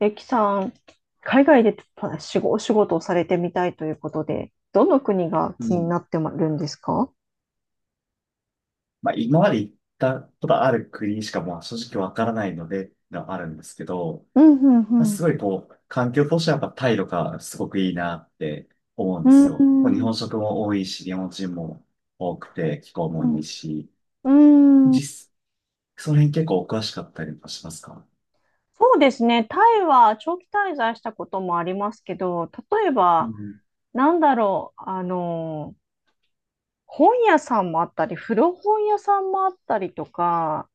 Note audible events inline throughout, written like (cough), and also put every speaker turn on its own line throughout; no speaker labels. えきさん、海外でお仕事をされてみたいということで、どの国が
う
気に
ん。
なってるんですか？
まあ、今まで行ったことある国しかまあ正直わからないので、があるんですけど、
うん
まあ、
う
す
ん
ごいこう、環境としてはやっぱタイとかすごくいいなって思うん
う
で
ん。う
す
ん。
よ。まあ日
うん
本食も多いし、日本人も多くて、気候もいいし、
うんうん
実、その辺結構お詳しかったりもしますか？
そうですね。タイは長期滞在したこともありますけど、例え
う
ば、
ん。
なんだろう、あの、本屋さんもあったり、古本屋さんもあったりとか、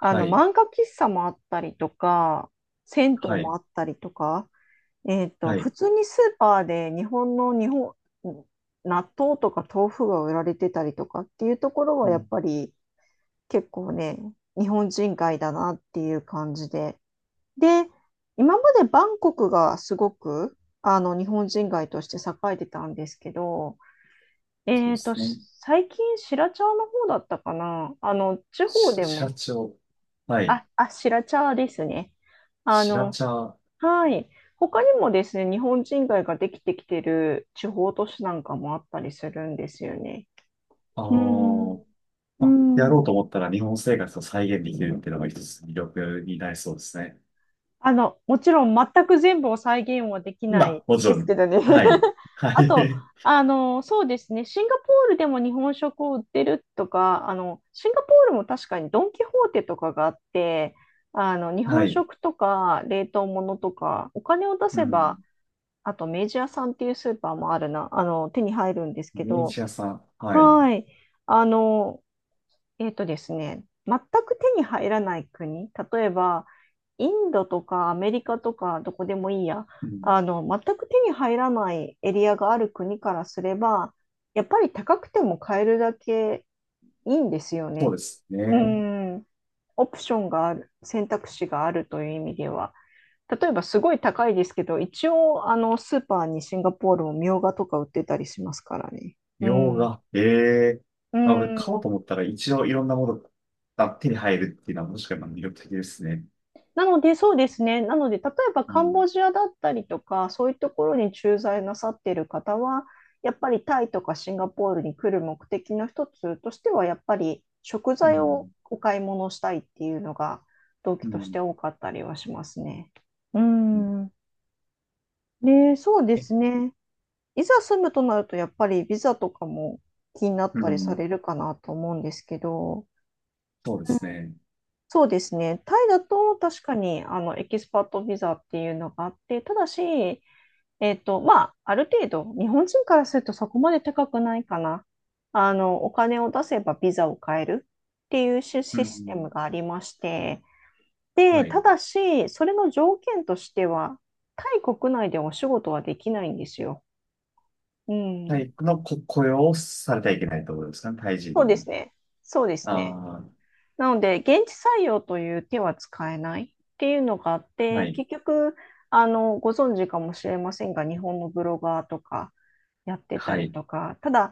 い、
漫画喫茶もあったりとか、銭湯
はい、
もあったりとか、
はい。
普通にスーパーで日本の日本、納豆とか豆腐が売られてたりとかっていうところ
う
はやっ
ん、
ぱり結構ね、日本人街だなっていう感じで。で、今までバンコクがすごく日本人街として栄えてたんですけど、
そうですね。
最近白茶の方だったかな。地方で
白
も、
茶を。はい。
あ、あ、白茶ですね。あ
白
の、
茶。あ
はい。他にもですね、日本人街ができてきてる地方都市なんかもあったりするんですよね。
あ。
うん、う
まあ、や
ん。
ろうと思ったら日本生活を再現できるっていうのが一つ魅力になりそうですね。
もちろん全く全部を再現はでき
ま
ない
あ、もち
で
ろ
すけ
ん、
どね。
はい。
(laughs)
は
あと、
い。
シンガポールでも日本食を売ってるとか、シンガポールも確かにドン・キホーテとかがあって、日
(laughs) は
本
い。
食とか冷凍物とか、お金を出
う
せ
ん。
ばあと、メジャーさんっていうスーパーもあるな、手に入るんですけ
ベネ
ど、
チアさん。はい。
はい。あの、えっとですね、全く手に入らない国、例えば、インドとかアメリカとか、どこでもいいや、
うん、
全く手に入らないエリアがある国からすれば、やっぱり高くても買えるだけいいんですよ
そう
ね。
です
う
ね。
ん。オプションがある、選択肢があるという意味では。例えばすごい高いですけど、一応、スーパーにシンガポールもみょうがとか売ってたりしますからね。う
洋
ん。
画。ええ、
う
まあ、俺買
ん。
おうと思ったら一応いろんなものが手に入るっていうのはもしかしたら魅力的ですね。
なので、そうですね。なので、例えば
う
カン
ん。
ボジアだったりとか、そういうところに駐在なさっている方は、やっぱりタイとかシンガポールに来る目的の一つとしては、やっぱり食
う
材を
ん。
お買い物したいっていうのが動機
う
として
ん。
多かったりはしますね。う
うん。
ん。で、そうで
え、
すね。いざ住むとなると、やっぱりビザとかも気になっ
う
たりさ
ん。
れるかなと思うんですけど、
そうですね。
そうですね、タイだと確かにエキスパートビザっていうのがあって、ただし、ある程度、日本人からするとそこまで高くないかな。お金を出せばビザを買えるっていうシ
う
システム
ん。
がありまして、で、
は
た
い。
だし、それの条件としては、タイ国内でお仕事はできないんですよ。う
体
ん。
育のこ雇用をされてはいけないところですかね。タイ人
そうで
に。
すね。そうですね。
あ
なので、現地採用という手は使えないっていうのがあっ
あ、は
て、
い、
結局、ご存知かもしれませんが、日本のブロガーとかやってた
は
り
い、
とか、ただ、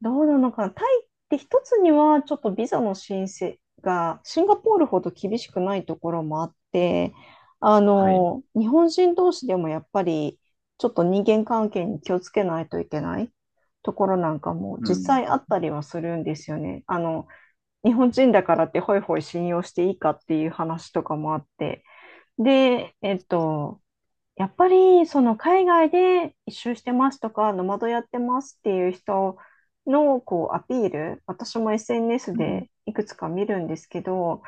どうなのかな。タイって一つにはちょっとビザの申請がシンガポールほど厳しくないところもあって、
はい、
日本人同士でもやっぱりちょっと人間関係に気をつけないといけないところなんかも
う
実
ん、
際あったりはするんですよね。日本人だからってホイホイ信用していいかっていう話とかもあって。で、やっぱり、その海外で一周してますとか、ノマドやってますっていう人のこうアピール、私も SNS
うん、
でいくつか見るんですけど、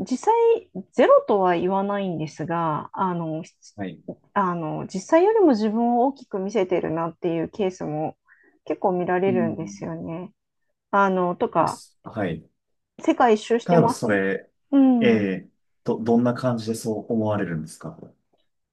実際ゼロとは言わないんですが、
はい、
実際よりも自分を大きく見せてるなっていうケースも結構見ら
う
れるんです
ん、
よね。あの、と
で
か、
す。はい。
世界一周して
例えば
ま
そ
す。
れ、
う
え
ん。
え、どんな感じでそう思われるんですか？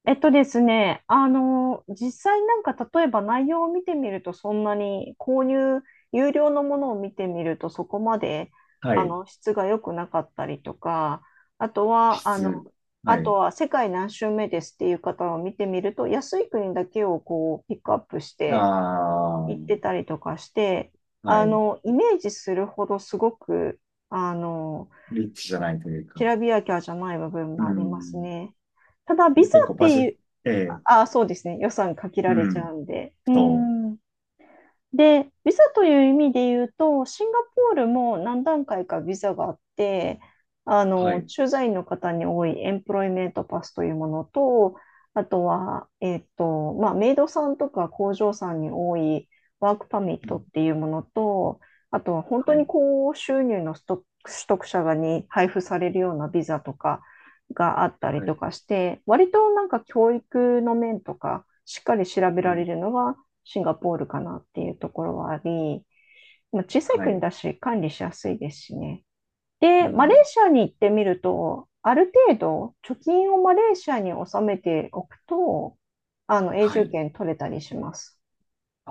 えっとですね、あの、実際なんか例えば内容を見てみるとそんなに購入、有料のものを見てみるとそこまで
はい、
質が良くなかったりとか、あとは、
質、
あ
は
と
い、
は世界何周目ですっていう方を見てみると安い国だけをこうピックアップし
あ
て
あ、は
行ってたりとかして、
い、
イメージするほどすごく、あの、
リッチじゃないという
き
か、
らびやきゃじゃない部分
う
もあります
ん、
ね。ただ、ビザ
結構
っ
バ
て
ジェ
い
ット、
う、
ええ、
あ、そうですね。予算限
う
られちゃ
ん、
うんで。う
と、
ん。で、ビザという意味で言うと、シンガポールも何段階かビザがあって、
はい、
駐在員の方に多いエンプロイメントパスというものと、あとは、メイドさんとか工場さんに多いワークパミッ
う
トっ
ん、
ていうものと、あとは本当
は
に
い、
高収入の取得者がに配布されるようなビザとかがあったり
は
と
い、
かして、割となんか教育の面とか、しっかり調べ
う
られ
ん、
るのはシンガポールかなっていうところはあり、まあ、小さい
は
国
い、
だし管理しやすいですしね。
う
で、マレー
ん、
シアに行ってみると、ある程度貯金をマレーシアに納めておくと、あの永
は
住
い。
権取れたりします。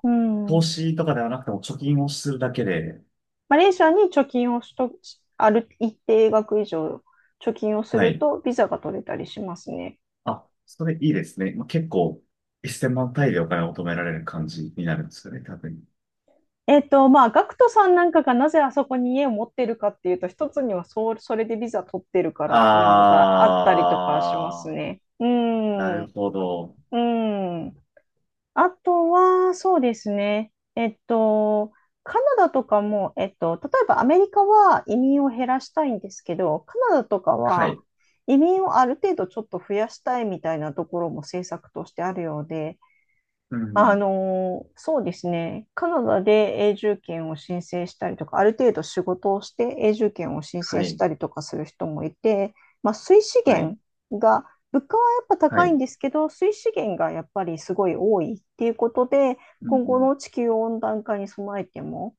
う
投
ん。
資とかではなくても貯金をするだけで、
マレーシアに貯金をしと、ある一定額以上貯金をす
は
る
い。
とビザが取れたりしますね。
あ、それいいですね。まあ、結構、1000万単位でお金を求められる感じになるんですよね、多分。
ガクトさんなんかがなぜあそこに家を持ってるかっていうと、一つにはそう、それでビザ取ってるからっていうのがあったりとかします
あ
ね。う
ー、な
ん。う
るほど。
ん。あとは、そうですね。カナダとかも、例えばアメリカは移民を減らしたいんですけど、カナダとか
は
は
い。
移民をある程度ちょっと増やしたいみたいなところも政策としてあるようで、
うん。
そうですね。カナダで永住権を申請したりとか、ある程度仕事をして永住権を申
は
請し
い。
たりとかする人もいて、まあ、水資
はい。
源が、物価はやっぱ
は
高いん
い。
ですけど、水資源がやっぱりすごい多いっていうことで、
う
今後
ん。
の地球温暖化に備えても、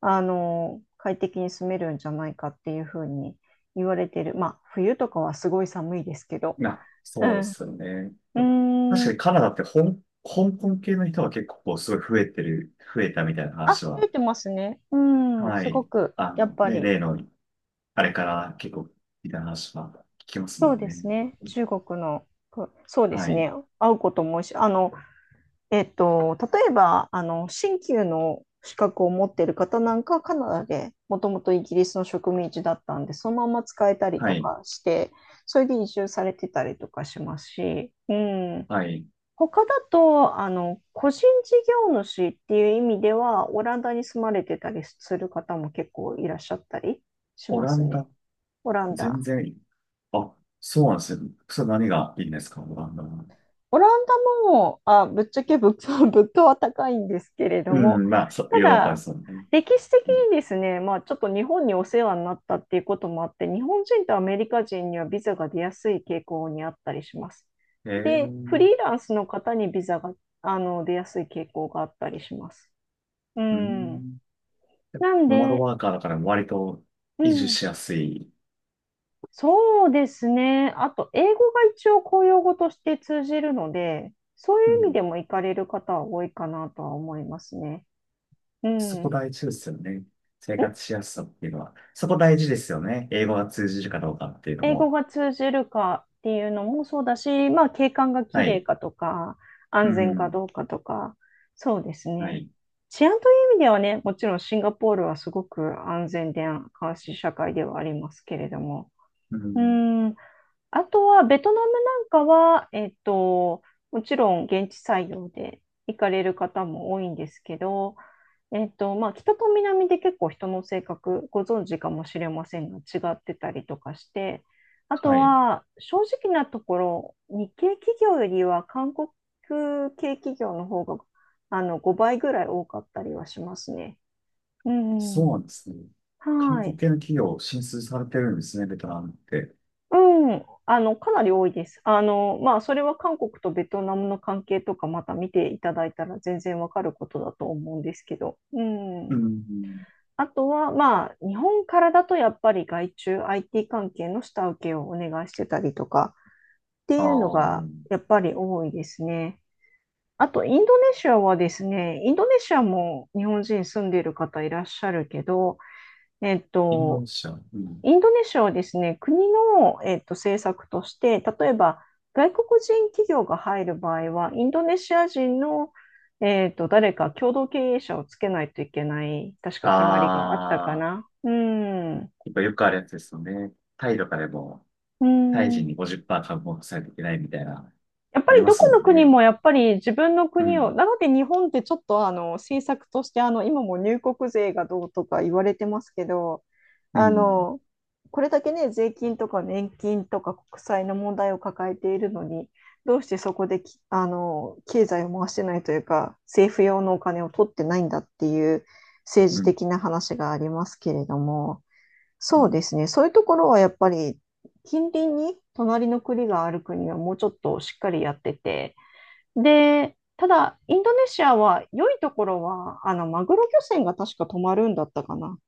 快適に住めるんじゃないかっていうふうに言われてる。まあ、冬とかはすごい寒いですけど。う
そうで
ん。う
すよね。確
ーん。
かにカナダって香港系の人が結構こうすごい増えてる、増えたみたいな
あ、
話
増え
は、
てますね。うん、
は
すご
い。
く、やっぱ
ね、
り、
例の、あれから結構、みたいな話は聞きますも
そう
ん
です
ね。
ね。中国の、こそうです
はい。
ね。会うことも多いし、例えば、新旧の資格を持っている方なんかはカナダで、もともとイギリスの植民地だったんで、そのまま使えたり
は
と
い。
かして、それで移住されてたりとかしますし、うん、
はい。
他だと、個人事業主っていう意味では、オランダに住まれてたりする方も結構いらっしゃったりし
オ
ま
ラ
す
ン
ね。
ダ、
オラン
全
ダ。
然いい、あ、そうなんですね。それ何がいいんですか、オランダは？
オランダも、あ、ぶっちゃけ物価、(laughs) 物価は高いんですけれど
う
も、
ん、まあ、そう、
た
ヨーロッパで
だ、
すよね。
歴史的にですね、まあ、ちょっと日本にお世話になったっていうこともあって、日本人とアメリカ人にはビザが出やすい傾向にあったりします。
へえ
で、フ
ー、
リーランスの方にビザが、出やすい傾向があったりします。う
う
ん。
ん。
なん
ノマド
で、
ワーカーだから割と
う
移住
ん、
しやすい。
そうですね。あと、英語が一応公用語として通じるので、そう
う
いう意味
ん。
でも行かれる方は多いかなとは思いますね。う
そ
ん。
こ
ん
大事ですよね。生活しやすさっていうのは。そこ大事ですよね。英語が通じるかどうかっていうの
英語
も。
が通じるかっていうのもそうだし、まあ、景観が綺
は
麗
い。
かとか、
う
安全か
ん。
どうかとか、そうです
は
ね。
い。
治安という意味ではね、もちろんシンガポールはすごく安全で監視社会ではありますけれども、
う
う
ん。
ん、あとは、ベトナムなんかは、もちろん現地採用で行かれる方も多いんですけど、まあ、北と南で結構人の性格、ご存知かもしれませんが、違ってたりとかして、あと
はい。
は、正直なところ、日系企業よりは韓国系企業の方が、あの、5倍ぐらい多かったりはしますね。う
そう
ん。
なんですね。韓
は
国
い。
系の企業進出されてるんですね、ベトナムって。
うん、あの、かなり多いです。あの、まあ、それは韓国とベトナムの関係とかまた見ていただいたら全然わかることだと思うんですけど。う
う
ん。
ん。
あとは、まあ、日本からだとやっぱり外注 IT 関係の下請けをお願いしてたりとかって
あ
いうのが
ー、
やっぱり多いですね。あと、インドネシアはですね、インドネシアも日本人住んでいる方いらっしゃるけど、えっ
新
と、
聞社。うん。
インドネシアはですね、国の、政策として、例えば外国人企業が入る場合は、インドネシア人の、誰か共同経営者をつけないといけない、確か決まりがあったか
あ
な。うん。
ー、やっぱよくあるやつですよね。タイとかでも、
う
タイ人
ん。
に50%株持たさないといけないみたいな、
やっぱ
あり
り
ま
どこ
すも
の
ん
国
ね。
もやっぱり自分の
う
国を、
ん。
なので日本ってちょっとあの政策としてあの今も入国税がどうとか言われてますけど、
う
あ
ん。
の、これだけね、税金とか年金とか国債の問題を抱えているのに、どうしてそこでき、あの、経済を回してないというか、政府用のお金を取ってないんだっていう政
う
治
ん。
的な話がありますけれども、
う
そう
ん。
ですね。そういうところはやっぱり近隣に隣の国がある国はもうちょっとしっかりやってて。で、ただインドネシアは良いところはあのマグロ漁船が確か泊まるんだったかな。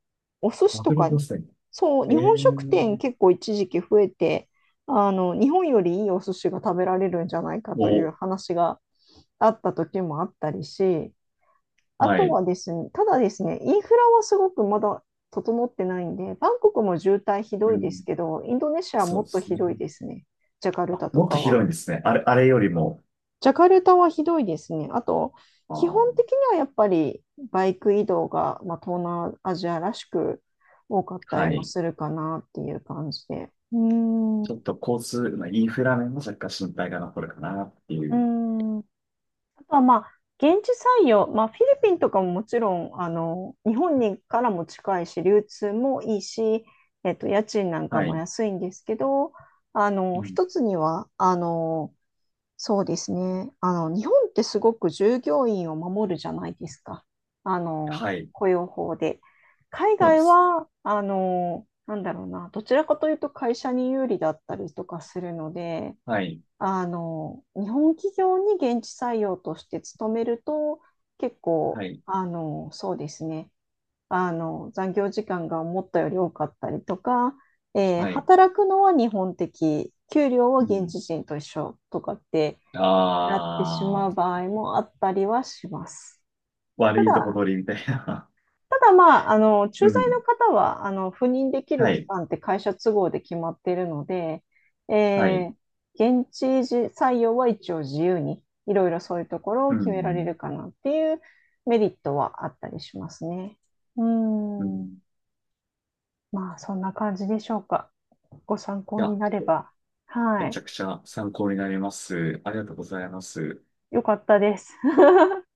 お寿司
マ
と
クロ
か、
漁船。
そう、
え
日
え
本食店
ー、
結構一時期増えて、あの日本よりいいお寿司が食べられるんじゃないかという
お、
話があった時もあったりし、あ
は
と
い。
はですね、ただですね、インフラはすごくまだ整ってないんで、バンコクも渋滞ひど
う
いです
ん。
けど、インドネシアは
そ
も
う
っ
で
と
す
ひ
ね。
どいですね、ジャカル
あ、
タと
もっと
か
広い
は。
んですね。あれ、あれよりも。
ジャカルタはひどいですね。あと、
あ
基本
ー、
的にはやっぱりバイク移動が、まあ、東南アジアらしく多かったり
は
も
い。
するかなっていう感じで。うーん。
ち
う
ょっと交通、まあ、インフラ面も若干心配が残るかなってい
ー
う。
んあとはまあ、現地採用、まあ、フィリピンとかももちろん、あの、日本にからも近いし、流通もいいし、家賃なんか
は
も
い。
安いんですけど、あ
う
の、
ん。
一つには、あの、そうですね、あの、日本ってすごく従業員を守るじゃないですか。あの、
はい。
雇用法で。海
そうで
外
す。
は、あの、なんだろうな、どちらかというと会社に有利だったりとかするので、
はい。
あの、日本企業に現地採用として勤めると、結構、
はい。
あの、そうですね、あの、残業時間が思ったより多かったりとか、
はい。
働くのは日本的、給料は
う
現
ん。
地人と一緒とかってなってしま
あ
う
あ、
場合もあったりはします。た
悪いとこ
だ、
取りみたいな。
まあ、あの、
(laughs)
駐
う
在の
ん。
方は、あの、赴任できる
は
期
い。
間って会社都合で決まっているので、
はい。
え現地時採用は一応自由に、いろいろそういうところ
う
を決められ
ん。
るかなっていうメリットはあったりしますね。う
う
ん。
ん。
まあ、そんな感じでしょうか。ご参
い
考に
や、
なれば。は
めち
い。
ゃくちゃ参考になります。ありがとうございます。
よかったです。(laughs)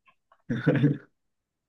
(laughs)